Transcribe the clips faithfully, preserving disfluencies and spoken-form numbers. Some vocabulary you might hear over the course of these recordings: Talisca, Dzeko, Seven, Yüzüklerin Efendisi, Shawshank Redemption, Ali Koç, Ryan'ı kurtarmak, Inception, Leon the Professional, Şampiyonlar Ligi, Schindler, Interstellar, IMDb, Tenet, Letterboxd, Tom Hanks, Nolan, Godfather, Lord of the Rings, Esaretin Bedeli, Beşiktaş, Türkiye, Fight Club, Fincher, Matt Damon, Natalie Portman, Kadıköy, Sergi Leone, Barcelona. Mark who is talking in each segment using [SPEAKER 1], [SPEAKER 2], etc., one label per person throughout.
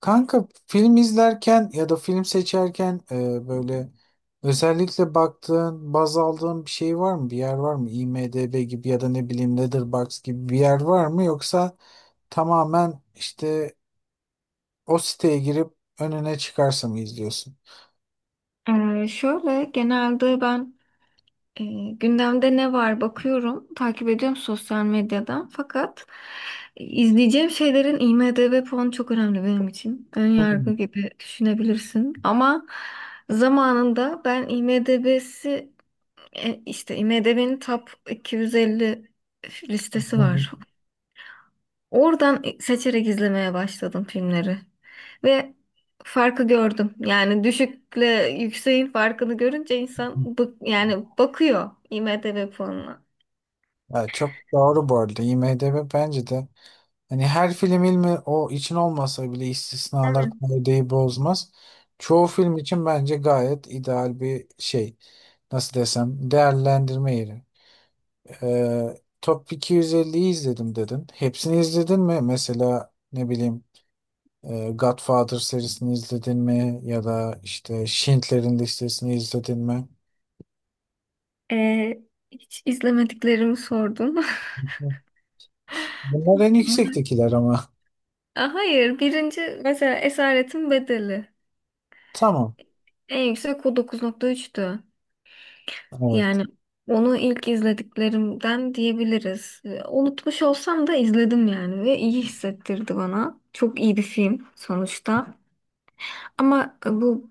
[SPEAKER 1] Kanka film izlerken ya da film seçerken e, böyle özellikle baktığın, baz aldığın bir şey var mı? Bir yer var mı? IMDb gibi ya da ne bileyim Letterboxd gibi bir yer var mı? Yoksa tamamen işte o siteye girip önüne çıkarsa mı izliyorsun?
[SPEAKER 2] Ee, şöyle genelde ben e, gündemde ne var bakıyorum, takip ediyorum sosyal medyadan. Fakat izleyeceğim şeylerin IMDb puanı çok önemli benim için. Ön yargı gibi düşünebilirsin. Ama zamanında ben IMDb'si e, işte IMDb'nin Top iki yüz elli listesi var. Oradan seçerek izlemeye başladım filmleri. Ve farkı gördüm. Yani düşükle yükseğin farkını görünce insan bık, yani bakıyor IMDb puanına.
[SPEAKER 1] Ya çok doğru bu arada. IMDb bence de hani her film ilmi o için olmasa bile istisnalar
[SPEAKER 2] Evet.
[SPEAKER 1] kaideyi bozmaz. Çoğu film için bence gayet ideal bir şey. Nasıl desem değerlendirme yeri. Ee, Top iki yüz elliyi izledim dedin. Hepsini izledin mi? Mesela ne bileyim e, Godfather serisini izledin mi? Ya da işte Schindler'in listesini izledin mi?
[SPEAKER 2] Ee, Hiç izlemediklerimi sordum.
[SPEAKER 1] Bunlar en yüksektekiler ama.
[SPEAKER 2] Hayır, birinci mesela Esaretin Bedeli.
[SPEAKER 1] Tamam.
[SPEAKER 2] En yüksek o dokuz nokta üçtü.
[SPEAKER 1] Evet.
[SPEAKER 2] Yani onu ilk izlediklerimden diyebiliriz. Ee, Unutmuş olsam da izledim yani ve iyi hissettirdi bana. Çok iyi bir film sonuçta. Ama e, bu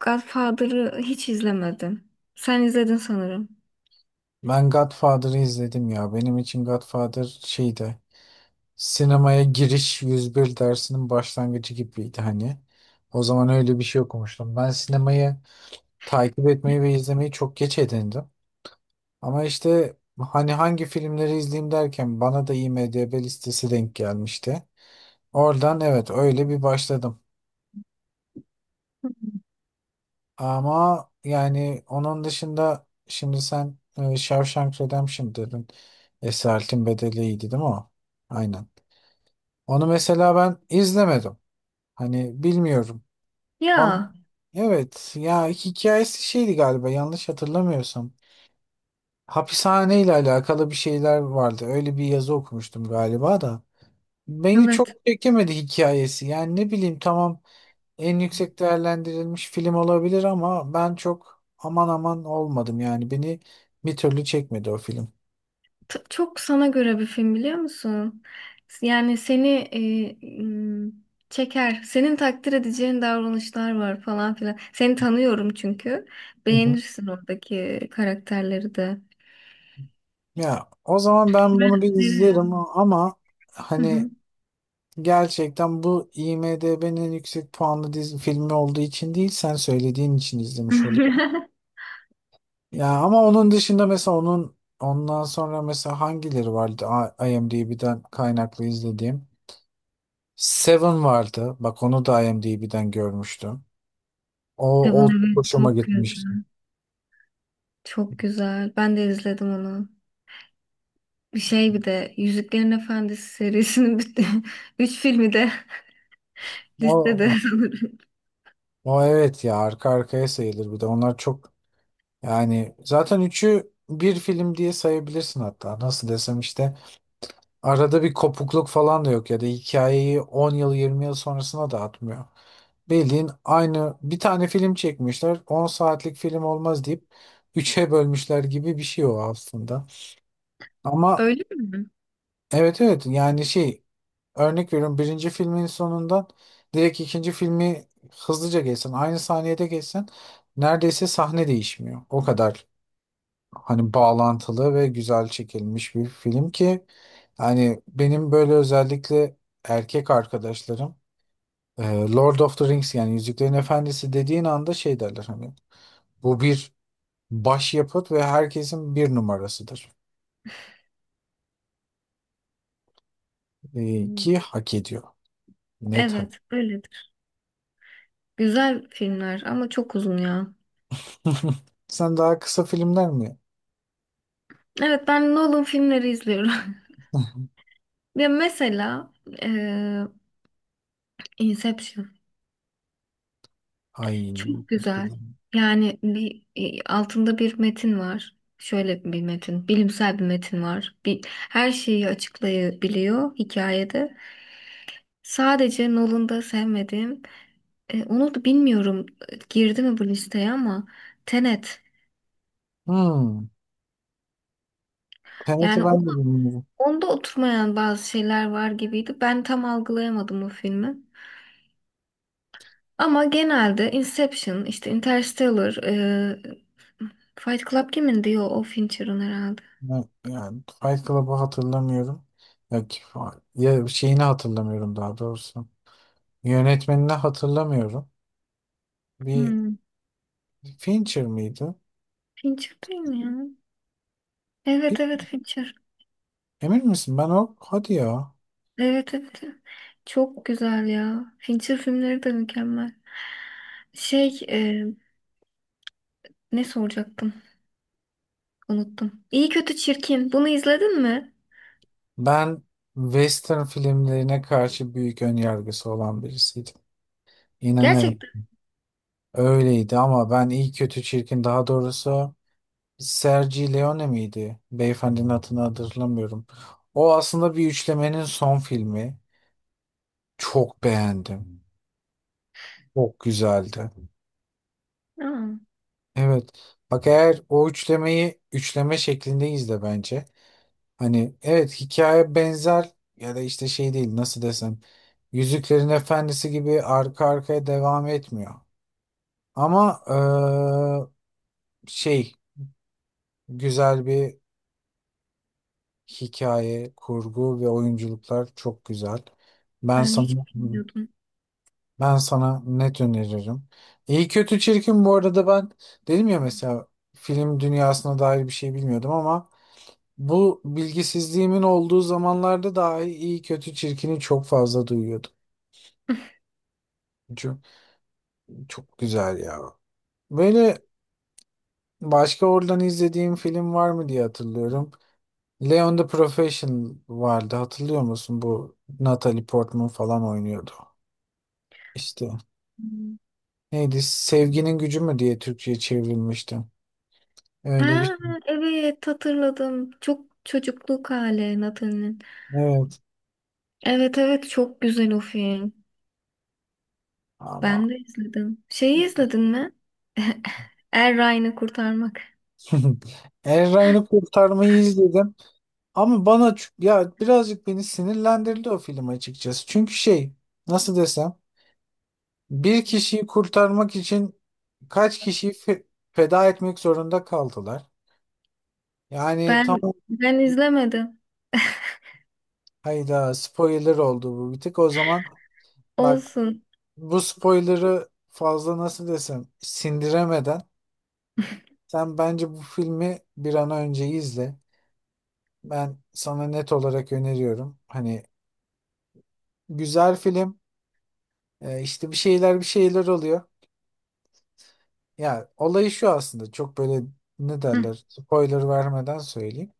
[SPEAKER 2] Godfather'ı hiç izlemedim. Sen izledin sanırım.
[SPEAKER 1] Ben Godfather'ı izledim ya. Benim için Godfather şeydi. Sinemaya giriş yüz bir dersinin başlangıcı gibiydi hani. O zaman öyle bir şey okumuştum. Ben sinemayı takip etmeyi ve izlemeyi çok geç edindim. Ama işte hani hangi filmleri izleyeyim derken bana da IMDb listesi denk gelmişti. Oradan evet öyle bir başladım. Ama yani onun dışında şimdi sen e, Shawshank Redemption dedin. Esaretin Bedeli iyiydi değil mi o? Aynen. Onu mesela ben izlemedim. Hani bilmiyorum. Bana,
[SPEAKER 2] Ya,
[SPEAKER 1] evet ya hikayesi şeydi galiba yanlış hatırlamıyorsam. Hapishane ile alakalı bir şeyler vardı. Öyle bir yazı okumuştum galiba da. Beni
[SPEAKER 2] evet.
[SPEAKER 1] çok çekemedi hikayesi. Yani ne bileyim tamam en yüksek değerlendirilmiş film olabilir ama ben çok aman aman olmadım. Yani beni bir türlü çekmedi o film.
[SPEAKER 2] T- çok sana göre bir film biliyor musun? Yani seni e, m, çeker. Senin takdir edeceğin davranışlar var falan filan. Seni tanıyorum çünkü.
[SPEAKER 1] Hı hı.
[SPEAKER 2] Beğenirsin oradaki karakterleri de.
[SPEAKER 1] Ya o zaman ben
[SPEAKER 2] Ben
[SPEAKER 1] bunu bir izlerim
[SPEAKER 2] öneririm.
[SPEAKER 1] ama
[SPEAKER 2] Hı
[SPEAKER 1] hani
[SPEAKER 2] hı.
[SPEAKER 1] gerçekten bu IMDb'nin en yüksek puanlı dizi filmi olduğu için değil sen söylediğin için izlemiş. Ya ama onun dışında mesela onun ondan sonra mesela hangileri vardı A- IMDb'den kaynaklı izlediğim? Seven vardı. Bak onu da IMDb'den görmüştüm. O,
[SPEAKER 2] Kitabın
[SPEAKER 1] o çok
[SPEAKER 2] evet
[SPEAKER 1] hoşuma
[SPEAKER 2] çok güzel.
[SPEAKER 1] gitmişti.
[SPEAKER 2] Çok güzel. Ben de izledim onu. Bir şey bir de Yüzüklerin Efendisi serisinin bütün üç filmi de listede
[SPEAKER 1] O,
[SPEAKER 2] sanırım.
[SPEAKER 1] o evet ya arka arkaya sayılır bir de. Onlar çok yani zaten üçü bir film diye sayabilirsin hatta. Nasıl desem işte arada bir kopukluk falan da yok ya da hikayeyi on yıl yirmi yıl sonrasına da atmıyor. Bildiğin aynı bir tane film çekmişler. On saatlik film olmaz deyip üçe bölmüşler gibi bir şey o aslında. Ama
[SPEAKER 2] Öyle mi?
[SPEAKER 1] evet evet yani şey örnek veriyorum birinci filmin sonundan direkt ikinci filmi hızlıca geçsen aynı saniyede geçsen neredeyse sahne değişmiyor. O kadar hani bağlantılı ve güzel çekilmiş bir film ki hani benim böyle özellikle erkek arkadaşlarım e, Lord of the Rings yani Yüzüklerin Efendisi dediğin anda şey derler hani bu bir başyapıt ve herkesin bir numarasıdır. Ee,
[SPEAKER 2] Hı.
[SPEAKER 1] ki hak ediyor. Net hak.
[SPEAKER 2] Evet, öyledir. Güzel filmler ama çok uzun ya.
[SPEAKER 1] Sen daha kısa filmler mi?
[SPEAKER 2] Evet ben Nolan filmleri izliyorum. Ya mesela eee, Inception.
[SPEAKER 1] Ay.
[SPEAKER 2] Çok güzel.
[SPEAKER 1] Bakalım.
[SPEAKER 2] Yani bir e, altında bir metin var. Şöyle bir metin, bilimsel bir metin var. Bir, her şeyi açıklayabiliyor hikayede. Sadece Nolan'da sevmediğim, e, onu da bilmiyorum e, girdi mi bu listeye ama Tenet.
[SPEAKER 1] Hmm. Tenet'i
[SPEAKER 2] Yani o-
[SPEAKER 1] ben de bilmiyorum.
[SPEAKER 2] onda oturmayan bazı şeyler var gibiydi. Ben tam algılayamadım o filmi. Ama genelde Inception, işte Interstellar, e, Fight Club kimin diyor o Fincher'ın herhalde.
[SPEAKER 1] Ben- yani Fight Club'ı hatırlamıyorum. Ya, ki- ya şeyini hatırlamıyorum daha doğrusu. Yönetmenini hatırlamıyorum. Bir
[SPEAKER 2] Hmm.
[SPEAKER 1] Fincher miydi?
[SPEAKER 2] Fincher değil mi ya?
[SPEAKER 1] Bir,
[SPEAKER 2] Evet evet Fincher.
[SPEAKER 1] emin misin? Ben o hadi ya.
[SPEAKER 2] Evet evet, evet. Çok güzel ya. Fincher filmleri de mükemmel. Şey e, ne soracaktım? Unuttum. İyi kötü çirkin. Bunu izledin mi?
[SPEAKER 1] Ben Western filmlerine karşı büyük önyargısı olan birisiydim. İnanırım.
[SPEAKER 2] Gerçekten.
[SPEAKER 1] Öyleydi ama ben iyi kötü çirkin daha doğrusu Sergi Leone miydi? Beyefendinin adını hatırlamıyorum. O aslında bir üçlemenin son filmi. Çok beğendim. Çok güzeldi.
[SPEAKER 2] Aa,
[SPEAKER 1] Evet. Bak eğer o üçlemeyi üçleme şeklinde izle bence. Hani evet hikaye benzer ya da işte şey değil nasıl desem. Yüzüklerin Efendisi gibi arka arkaya devam etmiyor. Ama eee, şey güzel bir hikaye, kurgu ve oyunculuklar çok güzel. Ben
[SPEAKER 2] ben hiç
[SPEAKER 1] sana
[SPEAKER 2] bilmiyordum.
[SPEAKER 1] ben sana net öneririm. İyi kötü çirkin bu arada ben dedim ya mesela film dünyasına dair bir şey bilmiyordum ama bu bilgisizliğimin olduğu zamanlarda dahi iyi kötü çirkini çok fazla duyuyordum. Çok, çok güzel ya. Böyle başka oradan izlediğim film var mı diye hatırlıyorum. Leon the Professional vardı hatırlıyor musun? Bu Natalie Portman falan oynuyordu. İşte
[SPEAKER 2] Hmm.
[SPEAKER 1] neydi? Sevginin gücü mü diye Türkçe'ye çevrilmişti. Öyle bir
[SPEAKER 2] Ha
[SPEAKER 1] şey.
[SPEAKER 2] evet hatırladım. Çok çocukluk hali Nathan'ın.
[SPEAKER 1] Evet
[SPEAKER 2] Evet evet çok güzel o film.
[SPEAKER 1] ama
[SPEAKER 2] Ben de izledim. Şeyi izledin mi? Er Ryan'ı kurtarmak.
[SPEAKER 1] Eray'ını kurtarmayı izledim. Ama bana ç- ya birazcık beni sinirlendirdi o film açıkçası. Çünkü şey nasıl desem bir kişiyi kurtarmak için kaç kişiyi fe- feda etmek zorunda kaldılar. Yani tam
[SPEAKER 2] Ben ben izlemedim.
[SPEAKER 1] hayda spoiler oldu bu bir tık. O zaman bak
[SPEAKER 2] Olsun.
[SPEAKER 1] bu spoiler'ı fazla nasıl desem sindiremeden sen bence bu filmi bir an önce izle. Ben sana net olarak öneriyorum. Hani güzel film, e, işte bir şeyler bir şeyler oluyor. Ya olayı şu aslında çok böyle ne
[SPEAKER 2] Hı.
[SPEAKER 1] derler spoiler vermeden söyleyeyim.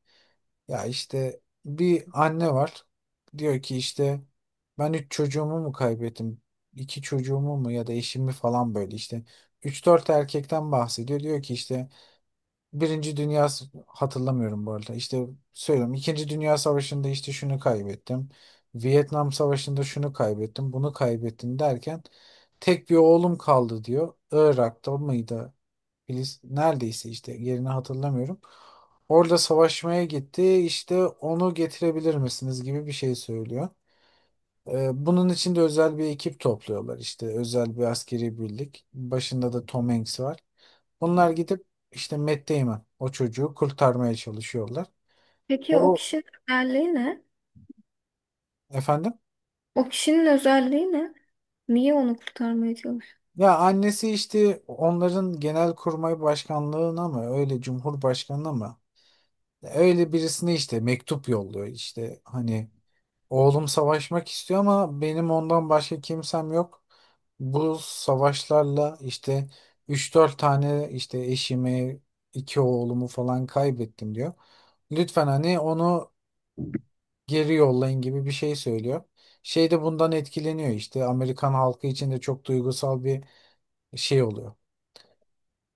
[SPEAKER 1] Ya işte bir anne var. Diyor ki işte ben üç çocuğumu mu kaybettim? İki çocuğumu mu ya da eşimi falan böyle işte. Üç dört erkekten bahsediyor. Diyor ki işte Birinci Dünya S- hatırlamıyorum bu arada. İşte söylüyorum. İkinci Dünya Savaşı'nda işte şunu kaybettim. Vietnam Savaşı'nda şunu kaybettim, bunu kaybettim derken tek bir oğlum kaldı diyor. Irak'ta mıydı? Filiz neredeyse işte yerini hatırlamıyorum. Orada savaşmaya gitti. İşte onu getirebilir misiniz gibi bir şey söylüyor. Ee, Bunun için de özel bir ekip topluyorlar işte özel bir askeri birlik. Başında da Tom Hanks var. Bunlar gidip işte Matt Damon o çocuğu kurtarmaya çalışıyorlar.
[SPEAKER 2] Peki o
[SPEAKER 1] O
[SPEAKER 2] kişinin özelliği ne?
[SPEAKER 1] efendim
[SPEAKER 2] O kişinin özelliği ne? Niye onu kurtarmaya çalışıyor?
[SPEAKER 1] ya annesi işte onların genelkurmay başkanlığına mı öyle cumhurbaşkanına mı öyle birisine işte mektup yolluyor işte hani oğlum savaşmak istiyor ama benim ondan başka kimsem yok. Bu savaşlarla işte üç dört tane işte eşimi, iki oğlumu falan kaybettim diyor. Lütfen hani onu geri yollayın gibi bir şey söylüyor. Şey de bundan etkileniyor işte Amerikan halkı için de çok duygusal bir şey oluyor.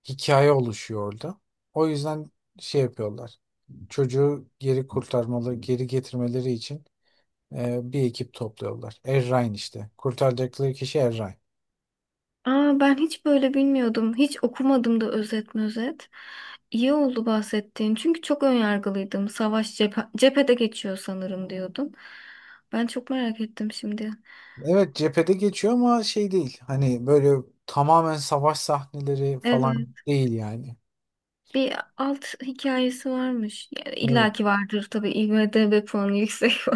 [SPEAKER 1] Hikaye oluşuyor orada. O yüzden şey yapıyorlar. Çocuğu geri kurtarmalı, geri getirmeleri için ee, bir ekip topluyorlar. Errain işte. Kurtaracakları kişi Errain.
[SPEAKER 2] Aa, ben hiç böyle bilmiyordum. Hiç okumadım da özet özet. İyi oldu bahsettiğin. Çünkü çok önyargılıydım. Savaş cephe, cephede geçiyor sanırım diyordum. Ben çok merak ettim şimdi.
[SPEAKER 1] Evet cephede geçiyor ama şey değil. Hani böyle tamamen savaş sahneleri falan
[SPEAKER 2] Evet.
[SPEAKER 1] değil yani.
[SPEAKER 2] Bir alt hikayesi varmış. Yani
[SPEAKER 1] Evet.
[SPEAKER 2] illaki vardır tabii. IMDb puanı yüksek.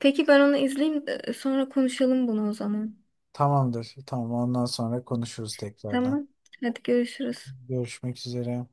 [SPEAKER 2] Peki ben onu izleyeyim de sonra konuşalım bunu o zaman.
[SPEAKER 1] Tamamdır. Tamam ondan sonra konuşuruz tekrardan.
[SPEAKER 2] Tamam. Hadi görüşürüz.
[SPEAKER 1] Görüşmek üzere.